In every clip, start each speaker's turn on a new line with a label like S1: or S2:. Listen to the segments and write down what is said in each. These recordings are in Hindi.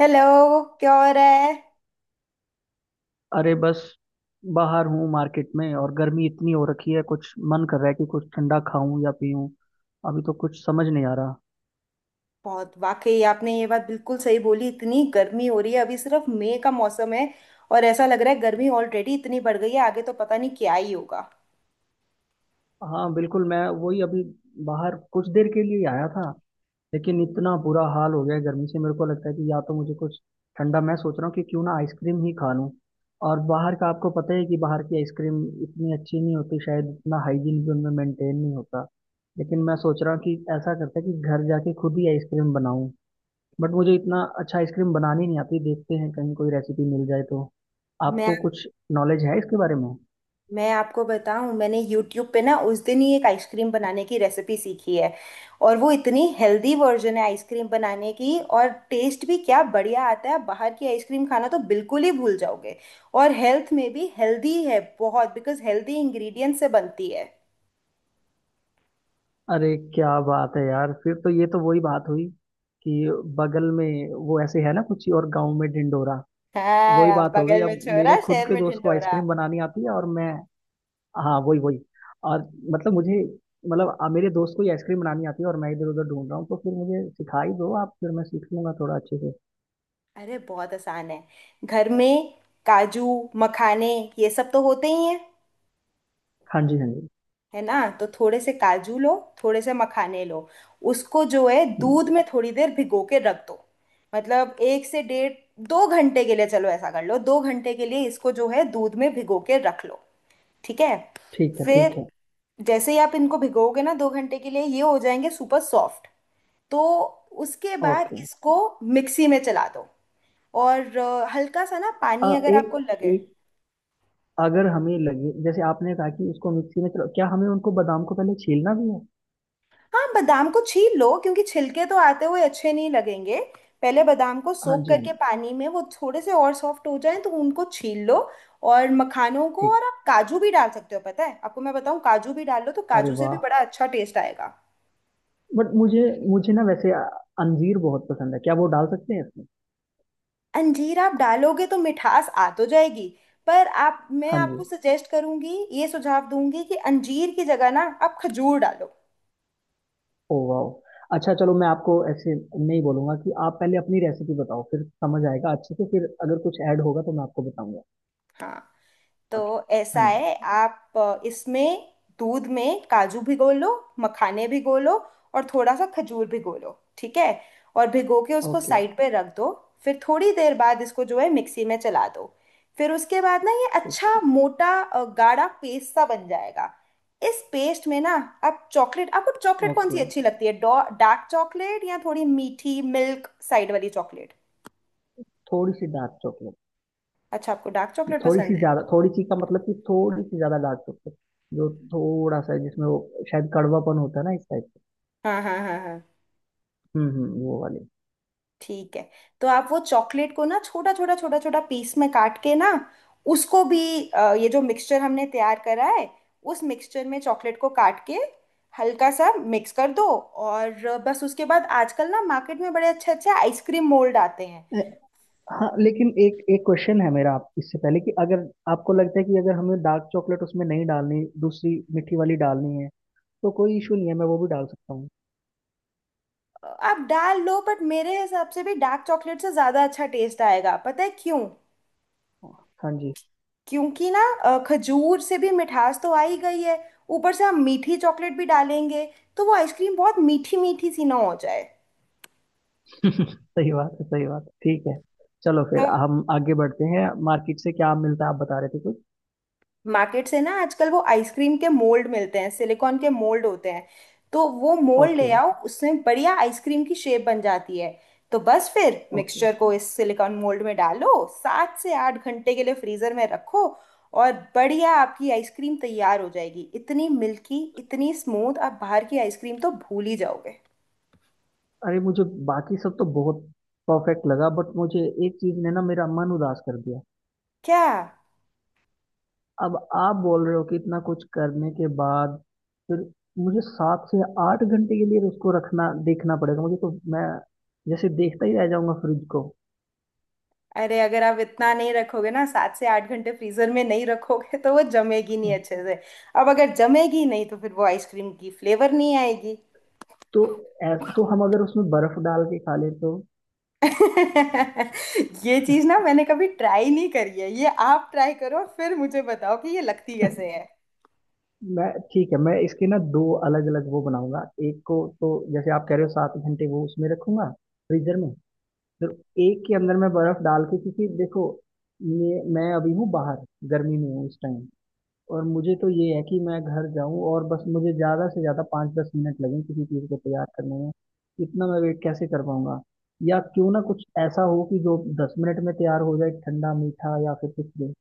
S1: हेलो। क्या हो रहा है?
S2: अरे, बस बाहर हूँ मार्केट में। और गर्मी इतनी हो रखी है, कुछ मन कर रहा है कि कुछ ठंडा खाऊं या पीऊं। अभी तो कुछ समझ नहीं आ रहा।
S1: बहुत वाकई आपने ये बात बिल्कुल सही बोली, इतनी गर्मी हो रही है, अभी सिर्फ मई का मौसम है। और ऐसा लग रहा है गर्मी ऑलरेडी इतनी बढ़ गई है, आगे तो पता नहीं क्या ही होगा।
S2: हाँ, बिल्कुल। मैं वही अभी बाहर कुछ देर के लिए ही आया था, लेकिन इतना बुरा हाल हो गया है गर्मी से। मेरे को लगता है कि या तो मुझे कुछ ठंडा, मैं सोच रहा हूँ कि क्यों ना आइसक्रीम ही खा लूँ। और बाहर का, आपको पता है कि बाहर की आइसक्रीम इतनी अच्छी नहीं होती, शायद इतना हाइजीन भी उनमें मेंटेन नहीं होता। लेकिन मैं सोच रहा हूँ कि ऐसा करते हैं कि घर जाके खुद ही आइसक्रीम बनाऊं। बट मुझे इतना अच्छा आइसक्रीम बनानी नहीं आती। देखते हैं कहीं कोई रेसिपी मिल जाए तो।
S1: मैं
S2: आपको कुछ नॉलेज है इसके बारे में?
S1: मैं आपको बताऊं, मैंने यूट्यूब पे ना उस दिन ही एक आइसक्रीम बनाने की रेसिपी सीखी है। और वो इतनी हेल्दी वर्जन है आइसक्रीम बनाने की, और टेस्ट भी क्या बढ़िया आता है, बाहर की आइसक्रीम खाना तो बिल्कुल ही भूल जाओगे। और हेल्थ में भी हेल्दी है बहुत, बिकॉज हेल्दी इंग्रेडिएंट से बनती है।
S2: अरे क्या बात है यार! फिर तो ये तो वही बात हुई कि बगल में वो ऐसे है ना, कुछ और गांव में ढिंडोरा। वही
S1: हाँ,
S2: बात हो गई।
S1: बगल में
S2: अब मेरे
S1: छोरा
S2: खुद
S1: शहर
S2: के
S1: में
S2: दोस्त को
S1: ढिंढोरा।
S2: आइसक्रीम बनानी आती है और मैं। हाँ वही वही। और मतलब मुझे मतलब आ, मेरे दोस्त को ही आइसक्रीम बनानी आती है और मैं इधर उधर ढूंढ रहा हूँ। तो फिर मुझे सिखा ही दो आप, फिर मैं सीख लूंगा थोड़ा अच्छे से।
S1: अरे बहुत आसान है। घर में काजू, मखाने, ये सब तो होते ही हैं।
S2: हाँ जी हाँ जी।
S1: है ना? तो थोड़े से काजू लो, थोड़े से मखाने लो, उसको जो है
S2: हम्म,
S1: दूध में थोड़ी देर भिगो के रख दो। मतलब एक से डेढ़, दो घंटे के लिए, चलो ऐसा कर लो दो घंटे के लिए इसको जो है दूध में भिगो के रख लो। ठीक है?
S2: ठीक है ठीक
S1: फिर
S2: है।
S1: जैसे ही आप इनको भिगोगे ना दो घंटे के लिए, ये हो जाएंगे सुपर सॉफ्ट। तो उसके बाद
S2: ओके।
S1: इसको मिक्सी में चला दो और हल्का सा ना पानी अगर आपको
S2: एक
S1: लगे।
S2: एक अगर हमें लगे, जैसे आपने कहा कि उसको मिक्सी में चलो, क्या हमें उनको बादाम को पहले छीलना भी है?
S1: हाँ, बादाम को छील लो, क्योंकि छिलके तो आते हुए अच्छे नहीं लगेंगे। पहले बादाम को
S2: हाँ
S1: सोक
S2: जी हाँ
S1: करके
S2: जी,
S1: पानी में, वो थोड़े से और सॉफ्ट हो जाएं तो उनको छील लो। और मखानों को,
S2: ठीक।
S1: और आप काजू भी डाल सकते हो, पता है आपको मैं बताऊं, काजू भी डाल लो तो
S2: अरे
S1: काजू से भी
S2: वाह!
S1: बड़ा अच्छा टेस्ट आएगा।
S2: बट मुझे मुझे ना वैसे अंजीर बहुत पसंद है। क्या वो डाल सकते हैं इसमें?
S1: अंजीर आप डालोगे तो मिठास आ तो जाएगी, पर आप, मैं
S2: हाँ जी।
S1: आपको सजेस्ट करूंगी, ये सुझाव दूंगी कि अंजीर की जगह ना आप खजूर डालो।
S2: ओ वाह, अच्छा। चलो मैं आपको ऐसे नहीं बोलूंगा कि आप पहले अपनी रेसिपी बताओ, फिर समझ आएगा अच्छे से, फिर अगर कुछ ऐड होगा तो मैं आपको बताऊंगा।
S1: हाँ, तो
S2: ओके।
S1: ऐसा
S2: हाँ जी।
S1: है, आप इसमें दूध में काजू भिगो लो, मखाने भिगो लो, और थोड़ा सा खजूर भिगो लो। ठीक है? और भिगो के उसको
S2: ओके।
S1: साइड पे रख दो। फिर थोड़ी देर बाद इसको जो है मिक्सी में चला दो। फिर उसके बाद ना ये
S2: ठीक है।
S1: अच्छा मोटा गाढ़ा पेस्ट सा बन जाएगा। इस पेस्ट में ना, आप चॉकलेट, आपको चॉकलेट कौन सी
S2: ओके।
S1: अच्छी लगती है, डार्क चॉकलेट या थोड़ी मीठी मिल्क साइड वाली चॉकलेट?
S2: थोड़ी सी डार्क चॉकलेट।
S1: अच्छा, आपको डार्क चॉकलेट
S2: थोड़ी
S1: पसंद
S2: सी
S1: है।
S2: ज्यादा, थोड़ी सी का मतलब कि थोड़ी सी ज्यादा डार्क चॉकलेट। जो थोड़ा सा है, जिसमें वो शायद कड़वापन होता है ना, इस टाइप का।
S1: हाँ हाँ हाँ हाँ,
S2: हम्म, वो वाली।
S1: ठीक है। तो आप वो चॉकलेट को ना छोटा छोटा छोटा छोटा पीस में काट के ना, उसको भी, ये जो मिक्सचर हमने तैयार करा है, उस मिक्सचर में चॉकलेट को काट के हल्का सा मिक्स कर दो। और बस उसके बाद आजकल ना मार्केट में बड़े अच्छे अच्छे आइसक्रीम मोल्ड आते हैं।
S2: अ, हाँ लेकिन एक एक क्वेश्चन है मेरा आप इससे पहले कि अगर आपको लगता है कि अगर हमें डार्क चॉकलेट उसमें नहीं डालनी, दूसरी मीठी वाली डालनी है, तो कोई इशू नहीं है, मैं वो भी डाल सकता हूँ।
S1: आप डाल लो, बट मेरे हिसाब से भी डार्क चॉकलेट से ज़्यादा अच्छा टेस्ट आएगा। पता है क्यों?
S2: हाँ जी।
S1: क्योंकि ना खजूर से भी मिठास तो आ ही गई है, ऊपर से हम मीठी चॉकलेट भी डालेंगे तो वो आइसक्रीम बहुत मीठी मीठी सी ना हो जाए।
S2: सही बात है सही बात है। ठीक है। चलो फिर
S1: तो
S2: हम आगे बढ़ते हैं। मार्केट से क्या मिलता है, आप बता रहे थे कुछ?
S1: मार्केट से ना आजकल वो आइसक्रीम के मोल्ड मिलते हैं, सिलिकॉन के मोल्ड होते हैं, तो वो मोल्ड ले
S2: ओके
S1: आओ, उसमें बढ़िया आइसक्रीम की शेप बन जाती है। तो बस फिर
S2: ओके।
S1: मिक्सचर को इस सिलिकॉन मोल्ड में डालो, सात से आठ घंटे के लिए फ्रीजर में रखो, और बढ़िया आपकी आइसक्रीम तैयार हो जाएगी, इतनी मिल्की, इतनी स्मूथ, आप बाहर की आइसक्रीम तो भूल ही जाओगे।
S2: अरे, मुझे बाकी सब तो बहुत परफेक्ट लगा, बट मुझे एक चीज ने ना मेरा मन उदास कर दिया।
S1: क्या?
S2: अब आप बोल रहे हो कि इतना कुछ करने के बाद फिर मुझे 7 से 8 घंटे के लिए तो उसको रखना देखना पड़ेगा। मुझे तो मैं जैसे देखता ही रह जाऊंगा फ्रिज को।
S1: अरे, अगर आप इतना नहीं रखोगे ना, सात से आठ घंटे फ्रीजर में नहीं रखोगे, तो वो जमेगी नहीं अच्छे से। अब अगर जमेगी नहीं तो फिर वो आइसक्रीम की फ्लेवर नहीं आएगी।
S2: तो तो हम अगर उसमें बर्फ डाल के खा लें तो?
S1: ये चीज ना मैंने कभी ट्राई नहीं करी है, ये आप ट्राई करो फिर मुझे बताओ कि ये लगती कैसे है।
S2: मैं, ठीक है, मैं इसके ना दो अलग अलग वो बनाऊंगा। एक को तो जैसे आप कह रहे हो 7 घंटे वो उसमें रखूंगा, फ्रीजर में। तो एक के अंदर मैं बर्फ डाल के, क्योंकि देखो, ये मैं अभी हूँ बाहर, गर्मी में हूँ इस टाइम। और मुझे तो ये है कि मैं घर जाऊं और बस मुझे ज्यादा से ज्यादा 5-10 मिनट लगे किसी चीज को तैयार करने में। इतना मैं वेट कैसे कर पाऊंगा? या क्यों ना कुछ ऐसा हो कि जो 10 मिनट में तैयार हो जाए, ठंडा मीठा या फिर कुछ भी।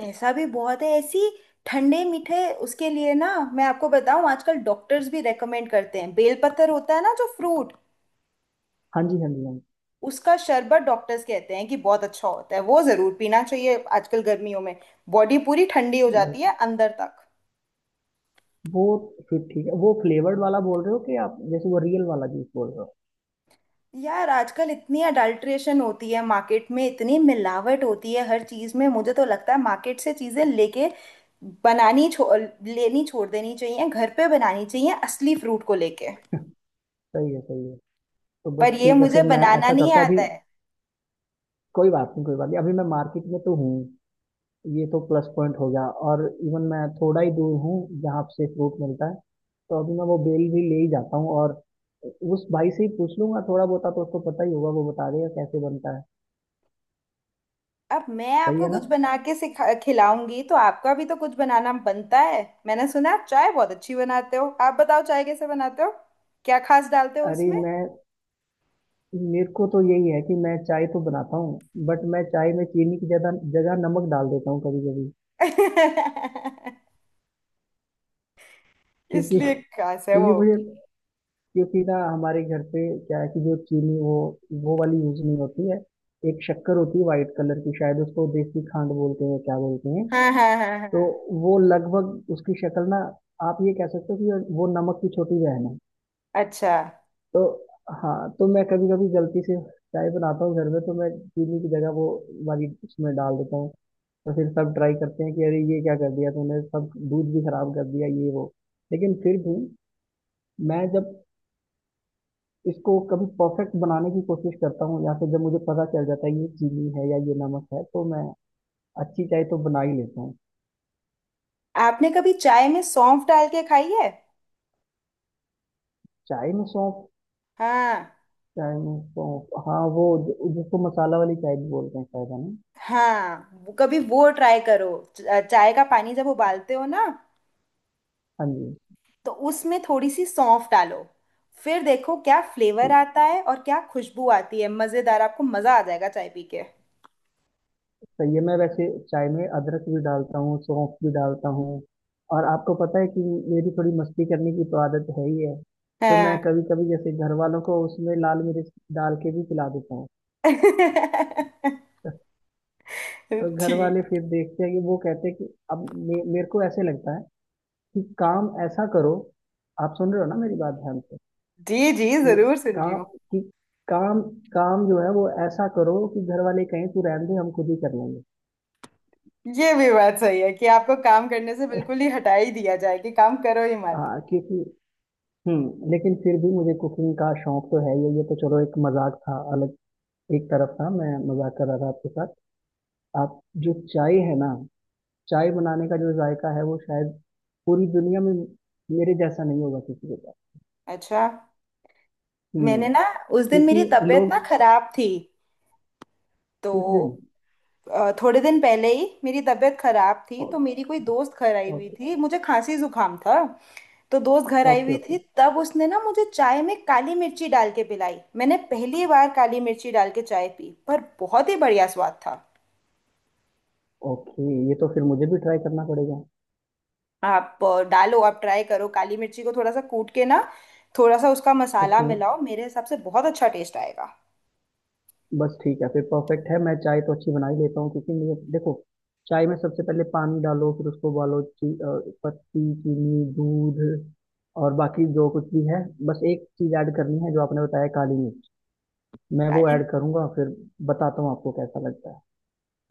S1: ऐसा भी बहुत है, ऐसी ठंडे मीठे, उसके लिए ना मैं आपको बताऊं, आजकल डॉक्टर्स भी रेकमेंड करते हैं, बेलपत्र होता है ना जो फ्रूट,
S2: हाँ जी हाँ जी हाँ
S1: उसका शरबत, डॉक्टर्स कहते हैं कि बहुत अच्छा होता है, वो जरूर पीना चाहिए आजकल गर्मियों में। बॉडी पूरी ठंडी हो
S2: जी। बस
S1: जाती है अंदर तक।
S2: वो, फिर ठीक है, वो फ्लेवर्ड वाला बोल रहे हो कि आप, जैसे वो रियल वाला जूस बोल रहे हो?
S1: यार, आजकल इतनी अडल्ट्रेशन होती है मार्केट में, इतनी मिलावट होती है हर चीज़ में, मुझे तो लगता है मार्केट से चीज़ें लेके बनानी छो लेनी, छोड़ देनी चाहिए, घर पे बनानी चाहिए असली फ्रूट को लेके।
S2: सही है सही है। तो
S1: पर
S2: बस
S1: ये
S2: ठीक है
S1: मुझे
S2: फिर, मैं
S1: बनाना
S2: ऐसा
S1: नहीं
S2: करता हूँ अभी।
S1: आता है।
S2: कोई बात नहीं कोई बात नहीं, अभी मैं मार्केट में तो हूँ, ये तो प्लस पॉइंट हो गया। और इवन मैं थोड़ा ही दूर हूँ जहाँ से फ्रूट मिलता है। तो अभी मैं वो बेल भी ले ही जाता हूँ, और उस भाई से ही पूछ लूंगा, थोड़ा बहुत तो उसको पता ही होगा, वो बता देगा कैसे बनता है।
S1: अब मैं
S2: सही
S1: आपको
S2: है ना।
S1: कुछ बना के सिखा खिलाऊंगी तो आपका भी तो कुछ बनाना बनता है। मैंने सुना आप चाय बहुत अच्छी बनाते हो, आप बताओ चाय कैसे बनाते हो, क्या खास डालते हो
S2: अरे
S1: उसमें?
S2: मैं, मेरे को तो यही है कि मैं चाय तो बनाता हूँ, बट मैं चाय में चीनी की ज्यादा जगह नमक डाल देता हूँ कभी कभी। क्योंकि
S1: इसलिए
S2: क्योंकि
S1: खास है वो।
S2: मुझे क्योंकि ना हमारे घर पे क्या है कि जो चीनी, वो वाली यूज नहीं होती है। एक शक्कर होती है वाइट कलर की, शायद उसको देसी खांड बोलते हैं, क्या बोलते हैं।
S1: हाँ हाँ हाँ
S2: तो
S1: हाँ,
S2: वो लगभग उसकी शक्ल ना, आप ये कह सकते हो कि वो नमक की छोटी बहन है।
S1: अच्छा।
S2: तो हाँ, तो मैं कभी कभी गलती से चाय बनाता हूँ घर में, तो मैं चीनी की जगह वो वाली उसमें डाल देता हूँ। तो फिर सब ट्राई करते हैं कि अरे ये क्या कर दिया तूने, सब दूध भी खराब कर दिया ये वो। लेकिन फिर भी मैं जब इसको कभी परफेक्ट बनाने की कोशिश करता हूँ, या फिर जब मुझे पता चल जाता है ये चीनी है या ये नमक है, तो मैं अच्छी चाय तो बना ही लेता हूँ।
S1: आपने कभी चाय में सौंफ डाल के खाई है?
S2: चाय में सौंफ?
S1: हाँ
S2: चाय में सौंफ, हाँ वो जिसको मसाला वाली चाय भी बोलते हैं शायद, है ना?
S1: हाँ। कभी वो ट्राई करो। चाय का पानी जब उबालते हो ना
S2: हाँ जी।
S1: तो उसमें थोड़ी सी सौंफ डालो। फिर देखो क्या फ्लेवर
S2: ठीक है।
S1: आता है और क्या खुशबू आती है, मजेदार, आपको मजा आ जाएगा चाय पी के।
S2: सही है, मैं वैसे चाय में अदरक भी डालता हूँ, सौंफ भी डालता हूँ। और आपको पता है कि मेरी थोड़ी मस्ती करने की तो आदत है ही है। तो मैं
S1: हाँ।
S2: कभी कभी जैसे घर वालों को उसमें लाल मिर्च डाल के भी पिला देता हूँ। तो घर
S1: ठीक।
S2: वाले फिर देखते हैं कि वो कहते हैं कि, अब मेरे को ऐसे लगता है कि काम ऐसा करो, आप सुन रहे हो ना मेरी बात ध्यान से,
S1: जी जी,
S2: कि
S1: जरूर सुन रही
S2: काम
S1: हूँ।
S2: कि काम काम जो है वो ऐसा करो कि घर वाले कहें तू रहने दे, हम खुद ही कर लेंगे।
S1: ये भी बात सही है कि आपको काम करने से बिल्कुल ही हटा ही दिया जाए, कि काम करो ही मत।
S2: क्योंकि, लेकिन फिर भी मुझे कुकिंग का शौक तो है। ये तो चलो, एक मजाक था, अलग एक तरफ था, मैं मजाक कर रहा था आपके साथ। आप, जो चाय है ना, चाय बनाने का जो जायका है वो शायद पूरी दुनिया में मेरे जैसा नहीं होगा किसी के पास।
S1: अच्छा,
S2: हम्म।
S1: मैंने ना उस दिन, मेरी
S2: क्योंकि
S1: तबीयत ना
S2: लोग,
S1: खराब थी, तो
S2: किस दिन?
S1: थोड़े दिन पहले ही मेरी तबीयत खराब थी,
S2: ओ-
S1: तो मेरी कोई दोस्त घर आई हुई
S2: ओके।
S1: थी, मुझे खांसी जुकाम था। तो दोस्त घर आई
S2: ओके
S1: हुई थी,
S2: ओके
S1: तब उसने ना मुझे चाय में काली मिर्ची डाल के पिलाई। मैंने पहली बार काली मिर्ची डाल के चाय पी, पर बहुत ही बढ़िया स्वाद था।
S2: ओके। ये तो फिर मुझे भी ट्राई करना पड़ेगा।
S1: आप डालो, आप ट्राई करो, काली मिर्ची को थोड़ा सा कूट के ना, थोड़ा सा उसका मसाला
S2: ओके।
S1: मिलाओ, मेरे हिसाब से बहुत अच्छा टेस्ट आएगा।
S2: बस ठीक है फिर, परफेक्ट है। मैं चाय तो अच्छी बना ही लेता हूँ, क्योंकि मुझे देखो, चाय में सबसे पहले पानी डालो, फिर उसको उबालो, पत्ती, चीनी, दूध, और बाकी जो कुछ भी है। बस एक चीज़ ऐड करनी है जो आपने बताया, काली मिर्च। मैं वो
S1: काली,
S2: ऐड करूँगा फिर बताता हूँ आपको कैसा लगता है।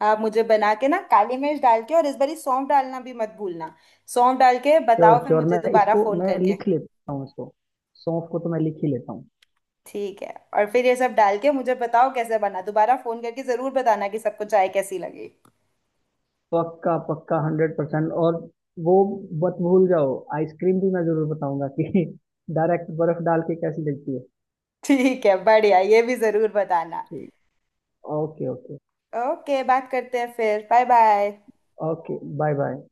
S1: आप मुझे बना के ना, काली मिर्च डाल के, और इस बारी सौंफ डालना भी मत भूलना। सौंफ डाल के
S2: श्योर
S1: बताओ, फिर
S2: श्योर।
S1: मुझे दोबारा फोन
S2: मैं
S1: करके।
S2: लिख लेता हूँ इसको, सौंफ को तो मैं लिख ही लेता हूँ।
S1: ठीक है, और फिर ये सब डाल के मुझे बताओ कैसे बना, दोबारा फोन करके जरूर बताना कि सबको चाय कैसी लगी।
S2: पक्का पक्का, 100%। और वो मत भूल जाओ, आइसक्रीम भी मैं जरूर बताऊंगा कि डायरेक्ट बर्फ डाल के कैसी लगती है।
S1: ठीक है, बढ़िया, ये भी जरूर बताना।
S2: ठीक। Okay okay.
S1: ओके, बात करते हैं फिर। Bye bye.
S2: Okay, bye bye.